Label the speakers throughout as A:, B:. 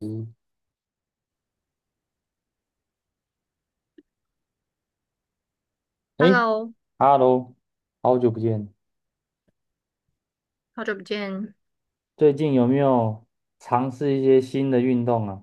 A: 嗯。哎
B: Hello，
A: ，Hello，好久不见。
B: 好久不见。
A: 最近有没有尝试一些新的运动啊？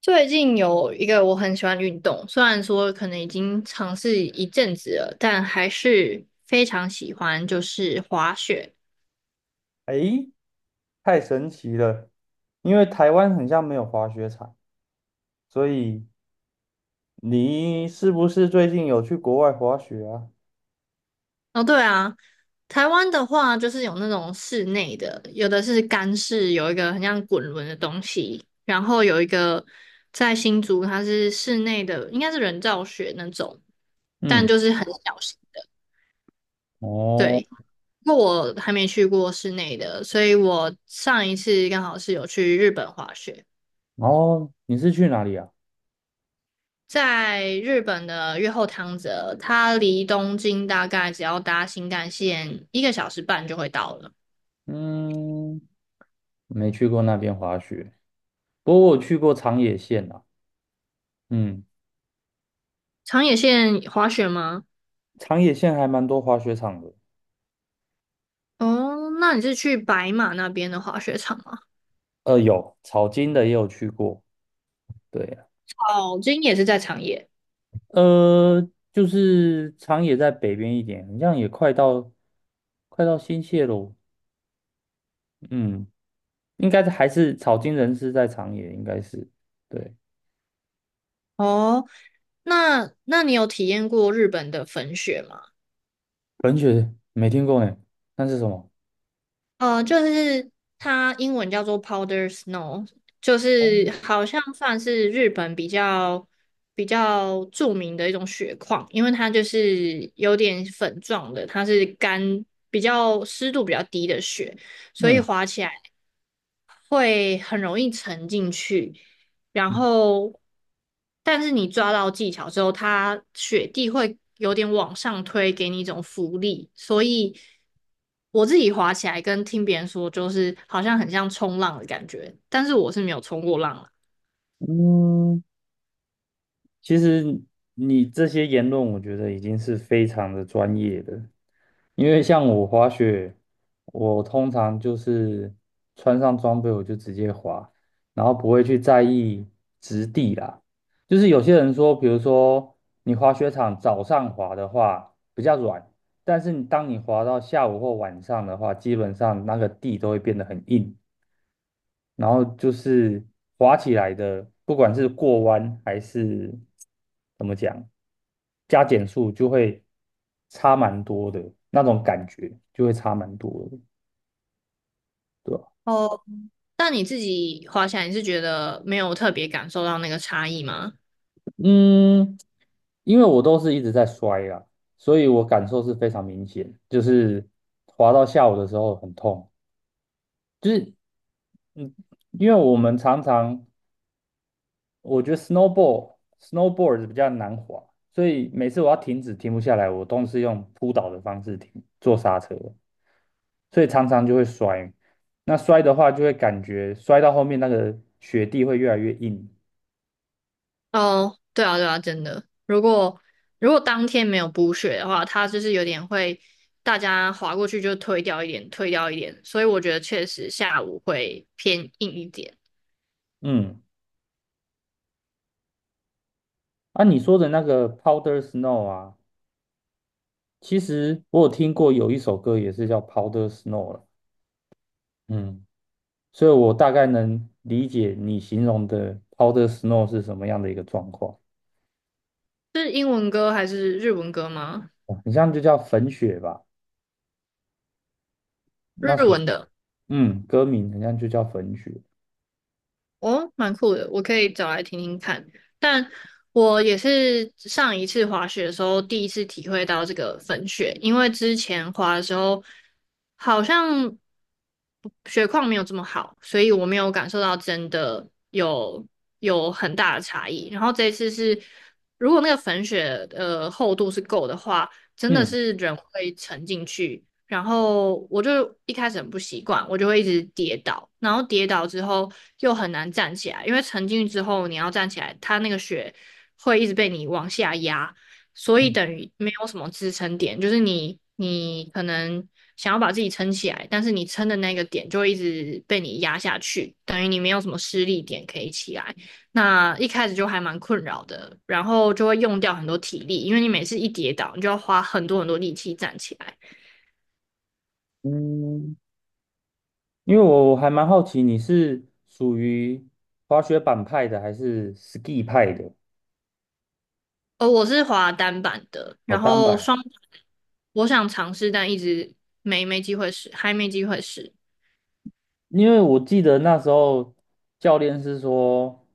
B: 最近有一个我很喜欢的运动，虽然说可能已经尝试一阵子了，但还是非常喜欢，就是滑雪。
A: 哎，太神奇了，因为台湾很像没有滑雪场，所以你是不是最近有去国外滑雪啊？
B: 哦，对啊，台湾的话就是有那种室内的，有的是干式，有一个很像滚轮的东西，然后有一个在新竹，它是室内的，应该是人造雪那种，但
A: 嗯。
B: 就是很小型的。
A: 哦。
B: 对。不过我还没去过室内的，所以我上一次刚好是有去日本滑雪，
A: 哦，你是去哪里啊？
B: 在日本的越后汤泽，它离东京大概只要搭新干线一个小时半就会到了。
A: 嗯。没去过那边滑雪，不过我去过长野县啊。嗯。
B: 长野县滑雪吗？
A: 长野县还蛮多滑雪场的。
B: 哦，那你是去白马那边的滑雪场吗？
A: 有草金的也有去过。对啊。
B: 哦，今也是在长野。
A: 呃，就是长野在北边一点，好像也快到快到新泻喽。嗯。应该还是草津人是在长野，应该是对。
B: 哦，那你有体验过日本的粉雪吗？
A: 冷血没听过呢，那是什么？
B: 就是它英文叫做 powder snow，就是好像算是日本比较著名的一种雪况，因为它就是有点粉状的，它是比较湿度比较低的雪，所以
A: 嗯
B: 滑起来会很容易沉进去。然后，但是你抓到技巧之后，它雪地会有点往上推，给你一种浮力。所以我自己滑起来跟听别人说，就是好像很像冲浪的感觉，但是我是没有冲过浪了。
A: 嗯，其实你这些言论，我觉得已经是非常的专业的。因为像我滑雪，我通常就是穿上装备我就直接滑，然后不会去在意质地啦。就是有些人说，比如说你滑雪场早上滑的话比较软，但是你当你滑到下午或晚上的话，基本上那个地都会变得很硬。然后就是滑起来的，不管是过弯还是怎么讲，加减速就会差蛮多的，那种感觉就会差蛮多的，对吧？
B: 哦，但你自己滑起来，你是觉得没有特别感受到那个差异吗？
A: 嗯，因为我都是一直在摔啦，所以我感受是非常明显，就是滑到下午的时候很痛。就是嗯，因为我们常常我觉得 snowboard 比较难滑，所以每次我要停止停不下来，我都是用扑倒的方式停，做刹车，所以常常就会摔。那摔的话，就会感觉摔到后面那个雪地会越来越硬。
B: 哦，对啊，对啊，真的。如果如果当天没有补血的话，它就是有点会大家划过去就推掉一点，推掉一点。所以我觉得确实下午会偏硬一点。
A: 嗯，啊，你说的那个 powder snow 啊，其实我有听过有一首歌也是叫 powder snow 了。嗯，所以我大概能理解你形容的 powder snow 是什么样的一个状况。
B: 是英文歌还是日文歌吗？
A: 哦很像就叫粉雪吧。那
B: 日
A: 时
B: 文的。
A: 嗯，歌名好像就叫粉雪。
B: 哦，蛮酷的，我可以找来听听看。但我也是上一次滑雪的时候，第一次体会到这个粉雪，因为之前滑的时候好像雪况没有这么好，所以我没有感受到真的有很大的差异。然后这一次是，如果那个粉雪厚度是够的话，真的
A: 嗯。
B: 是人会沉进去。然后我就一开始很不习惯，我就会一直跌倒，然后跌倒之后又很难站起来，因为沉进去之后你要站起来，它那个雪会一直被你往下压，所以
A: 嗯，
B: 等于没有什么支撑点，就是你可能想要把自己撑起来，但是你撑的那个点就会一直被你压下去，等于你没有什么施力点可以起来。那一开始就还蛮困扰的，然后就会用掉很多体力，因为你每次一跌倒，你就要花很多很多力气站起来。
A: 嗯，因为我还蛮好奇你是属于滑雪板派的还是 ski 派的？
B: 我是滑单板的，
A: 哦，
B: 然
A: 单
B: 后
A: 板。
B: 双板我想尝试，但一直没机会试，还没机会试。
A: 因为我记得那时候教练是说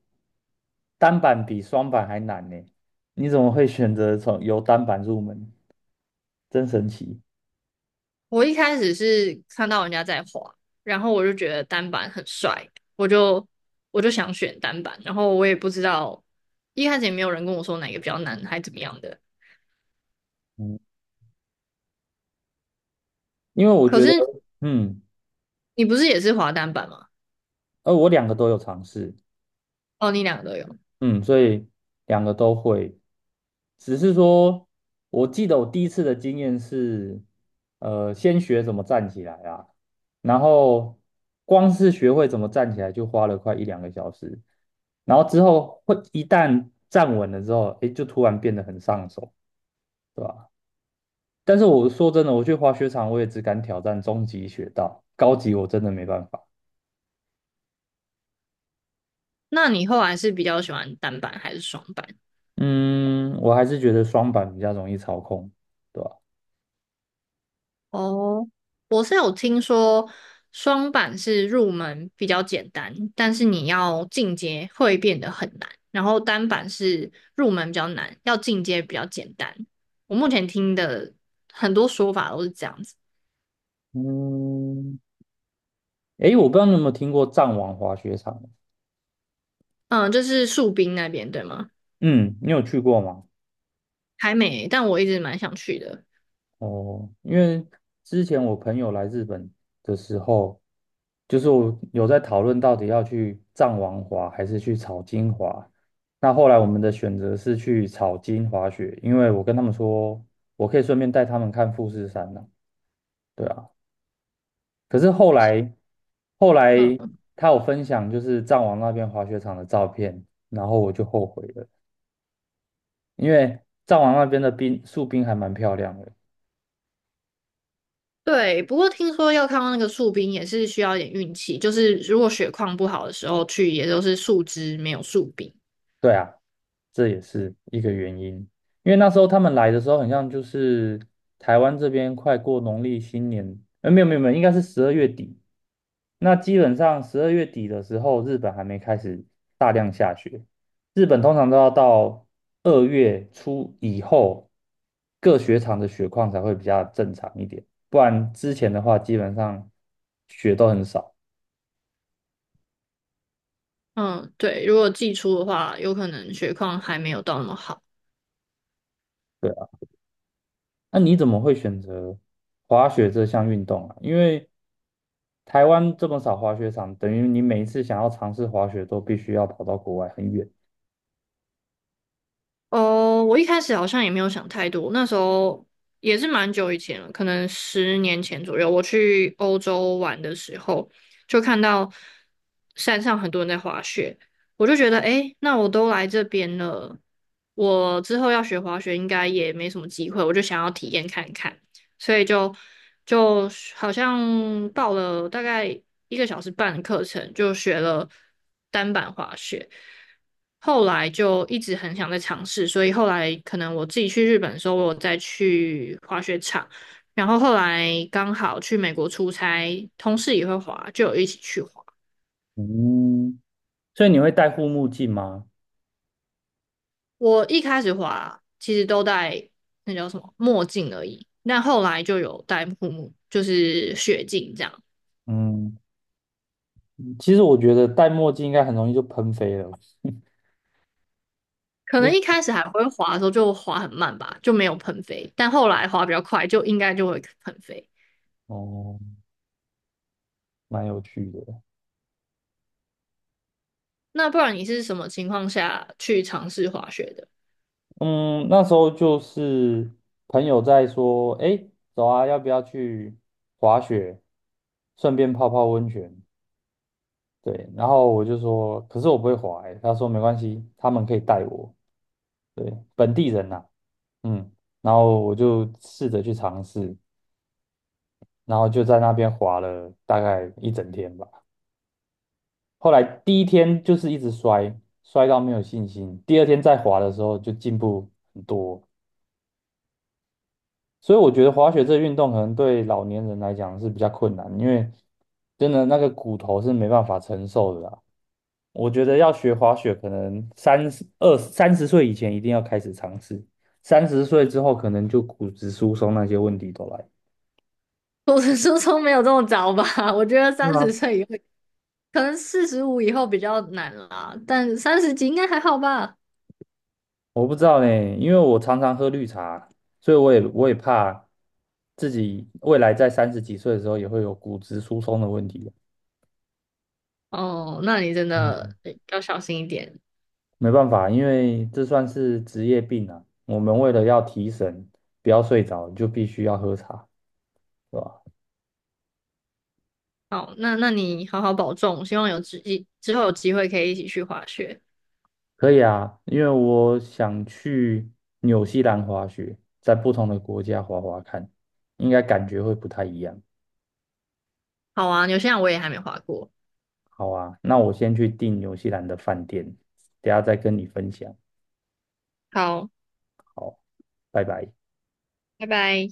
A: 单板比双板还难呢，你怎么会选择从由单板入门？真神奇。
B: 我一开始是看到人家在滑，然后我就觉得单板很帅，我就我就想选单板，然后我也不知道，一开始也没有人跟我说哪个比较难，还怎么样的。
A: 嗯，因为我
B: 可
A: 觉得，
B: 是
A: 嗯，
B: 你不是也是滑单板吗？
A: 我两个都有尝试。
B: 哦，你两个都有，
A: 嗯，所以两个都会。只是说，我记得我第一次的经验是，先学怎么站起来啊，然后光是学会怎么站起来就花了快1~2个小时，然后之后会一旦站稳了之后，诶，就突然变得很上手，对吧？但是我说真的，我去滑雪场，我也只敢挑战中级雪道，高级我真的没办法。
B: 那你后来是比较喜欢单板还是双板？
A: 嗯，我还是觉得双板比较容易操控，对吧？
B: 哦，我是有听说双板是入门比较简单，但是你要进阶会变得很难。然后单板是入门比较难，要进阶比较简单。我目前听的很多说法都是这样子。
A: 嗯，诶，我不知道你有没有听过藏王滑雪场啊。
B: 嗯，就是树冰那边对吗？
A: 嗯，你有去过吗？
B: 还没，但我一直蛮想去的。
A: 哦，因为之前我朋友来日本的时候，就是我有在讨论到底要去藏王滑还是去草金滑。那后来我们的选择是去草金滑雪，因为我跟他们说，我可以顺便带他们看富士山呢、对啊，可是后来
B: 嗯，
A: 他有分享就是藏王那边滑雪场的照片，然后我就后悔了，因为藏王那边的冰树冰还蛮漂亮的。
B: 对。不过听说要看到那个树冰也是需要一点运气，就是如果血况不好的时候去，也都是树枝没有树冰。
A: 对啊，这也是一个原因。因为那时候他们来的时候，很像就是台湾这边快过农历新年，没有没有没有，应该是十二月底。那基本上十二月底的时候，日本还没开始大量下雪。日本通常都要到2月初以后，各雪场的雪况才会比较正常一点，不然之前的话，基本上雪都很少。
B: 嗯，对，如果寄出的话，有可能雪况还没有到那么好。
A: 对。那你怎么会选择滑雪这项运动啊？因为台湾这么少滑雪场，等于你每一次想要尝试滑雪都必须要跑到国外很远。
B: 哦，我一开始好像也没有想太多，那时候也是蛮久以前了，可能10年前左右，我去欧洲玩的时候，就看到山上很多人在滑雪，我就觉得，诶，那我都来这边了，我之后要学滑雪应该也没什么机会，我就想要体验看看。所以就好像报了大概一个小时半的课程，就学了单板滑雪。后来就一直很想再尝试，所以后来可能我自己去日本的时候，我有再去滑雪场。然后后来刚好去美国出差，同事也会滑，就有一起去滑。
A: 嗯，所以你会戴护目镜吗？
B: 我一开始滑其实都戴那叫什么墨镜而已，但后来就有戴护目，就是雪镜这样。
A: 嗯，其实我觉得戴墨镜应该很容易就喷飞了。
B: 可
A: 就
B: 能一开始还会滑的时候就滑很慢吧，就没有喷飞，但后来滑比较快，就应该就会喷飞。
A: 哦，蛮有趣的。
B: 那不然你是什么情况下去尝试滑雪的？
A: 嗯，那时候就是朋友在说，哎，走啊，要不要去滑雪，顺便泡泡温泉？对，然后我就说，可是我不会滑欸，他说没关系，他们可以带我，对，本地人呐、嗯，然后我就试着去尝试，然后就在那边滑了大概一整天吧。后来第一天就是一直摔，摔到没有信心，第二天再滑的时候就进步很多。所以我觉得滑雪这个运动可能对老年人来讲是比较困难，因为真的那个骨头是没办法承受的啦。我觉得要学滑雪，可能三十二、三十岁以前一定要开始尝试，三十岁之后可能就骨质疏松那些问题都来。
B: 我的初衷没有这么早吧，我觉得
A: 是
B: 三十
A: 吗？
B: 岁以后，可能45以后比较难啦，但三十几应该还好吧。
A: 我不知道呢，因为我常常喝绿茶，所以我也怕自己未来在30几岁的时候也会有骨质疏松的问题。
B: 哦，那你真
A: 嗯，
B: 的诶要小心一点。
A: 没办法，因为这算是职业病啊。我们为了要提神，不要睡着，就必须要喝茶，对吧？
B: 好，那你好好保重，希望之后有机会可以一起去滑雪。
A: 可以啊，因为我想去纽西兰滑雪，在不同的国家滑滑看，应该感觉会不太一样。
B: 好啊，纽西兰我也还没滑过。
A: 好啊，那我先去订纽西兰的饭店，等下再跟你分享。
B: 好，
A: 拜拜。
B: 拜拜。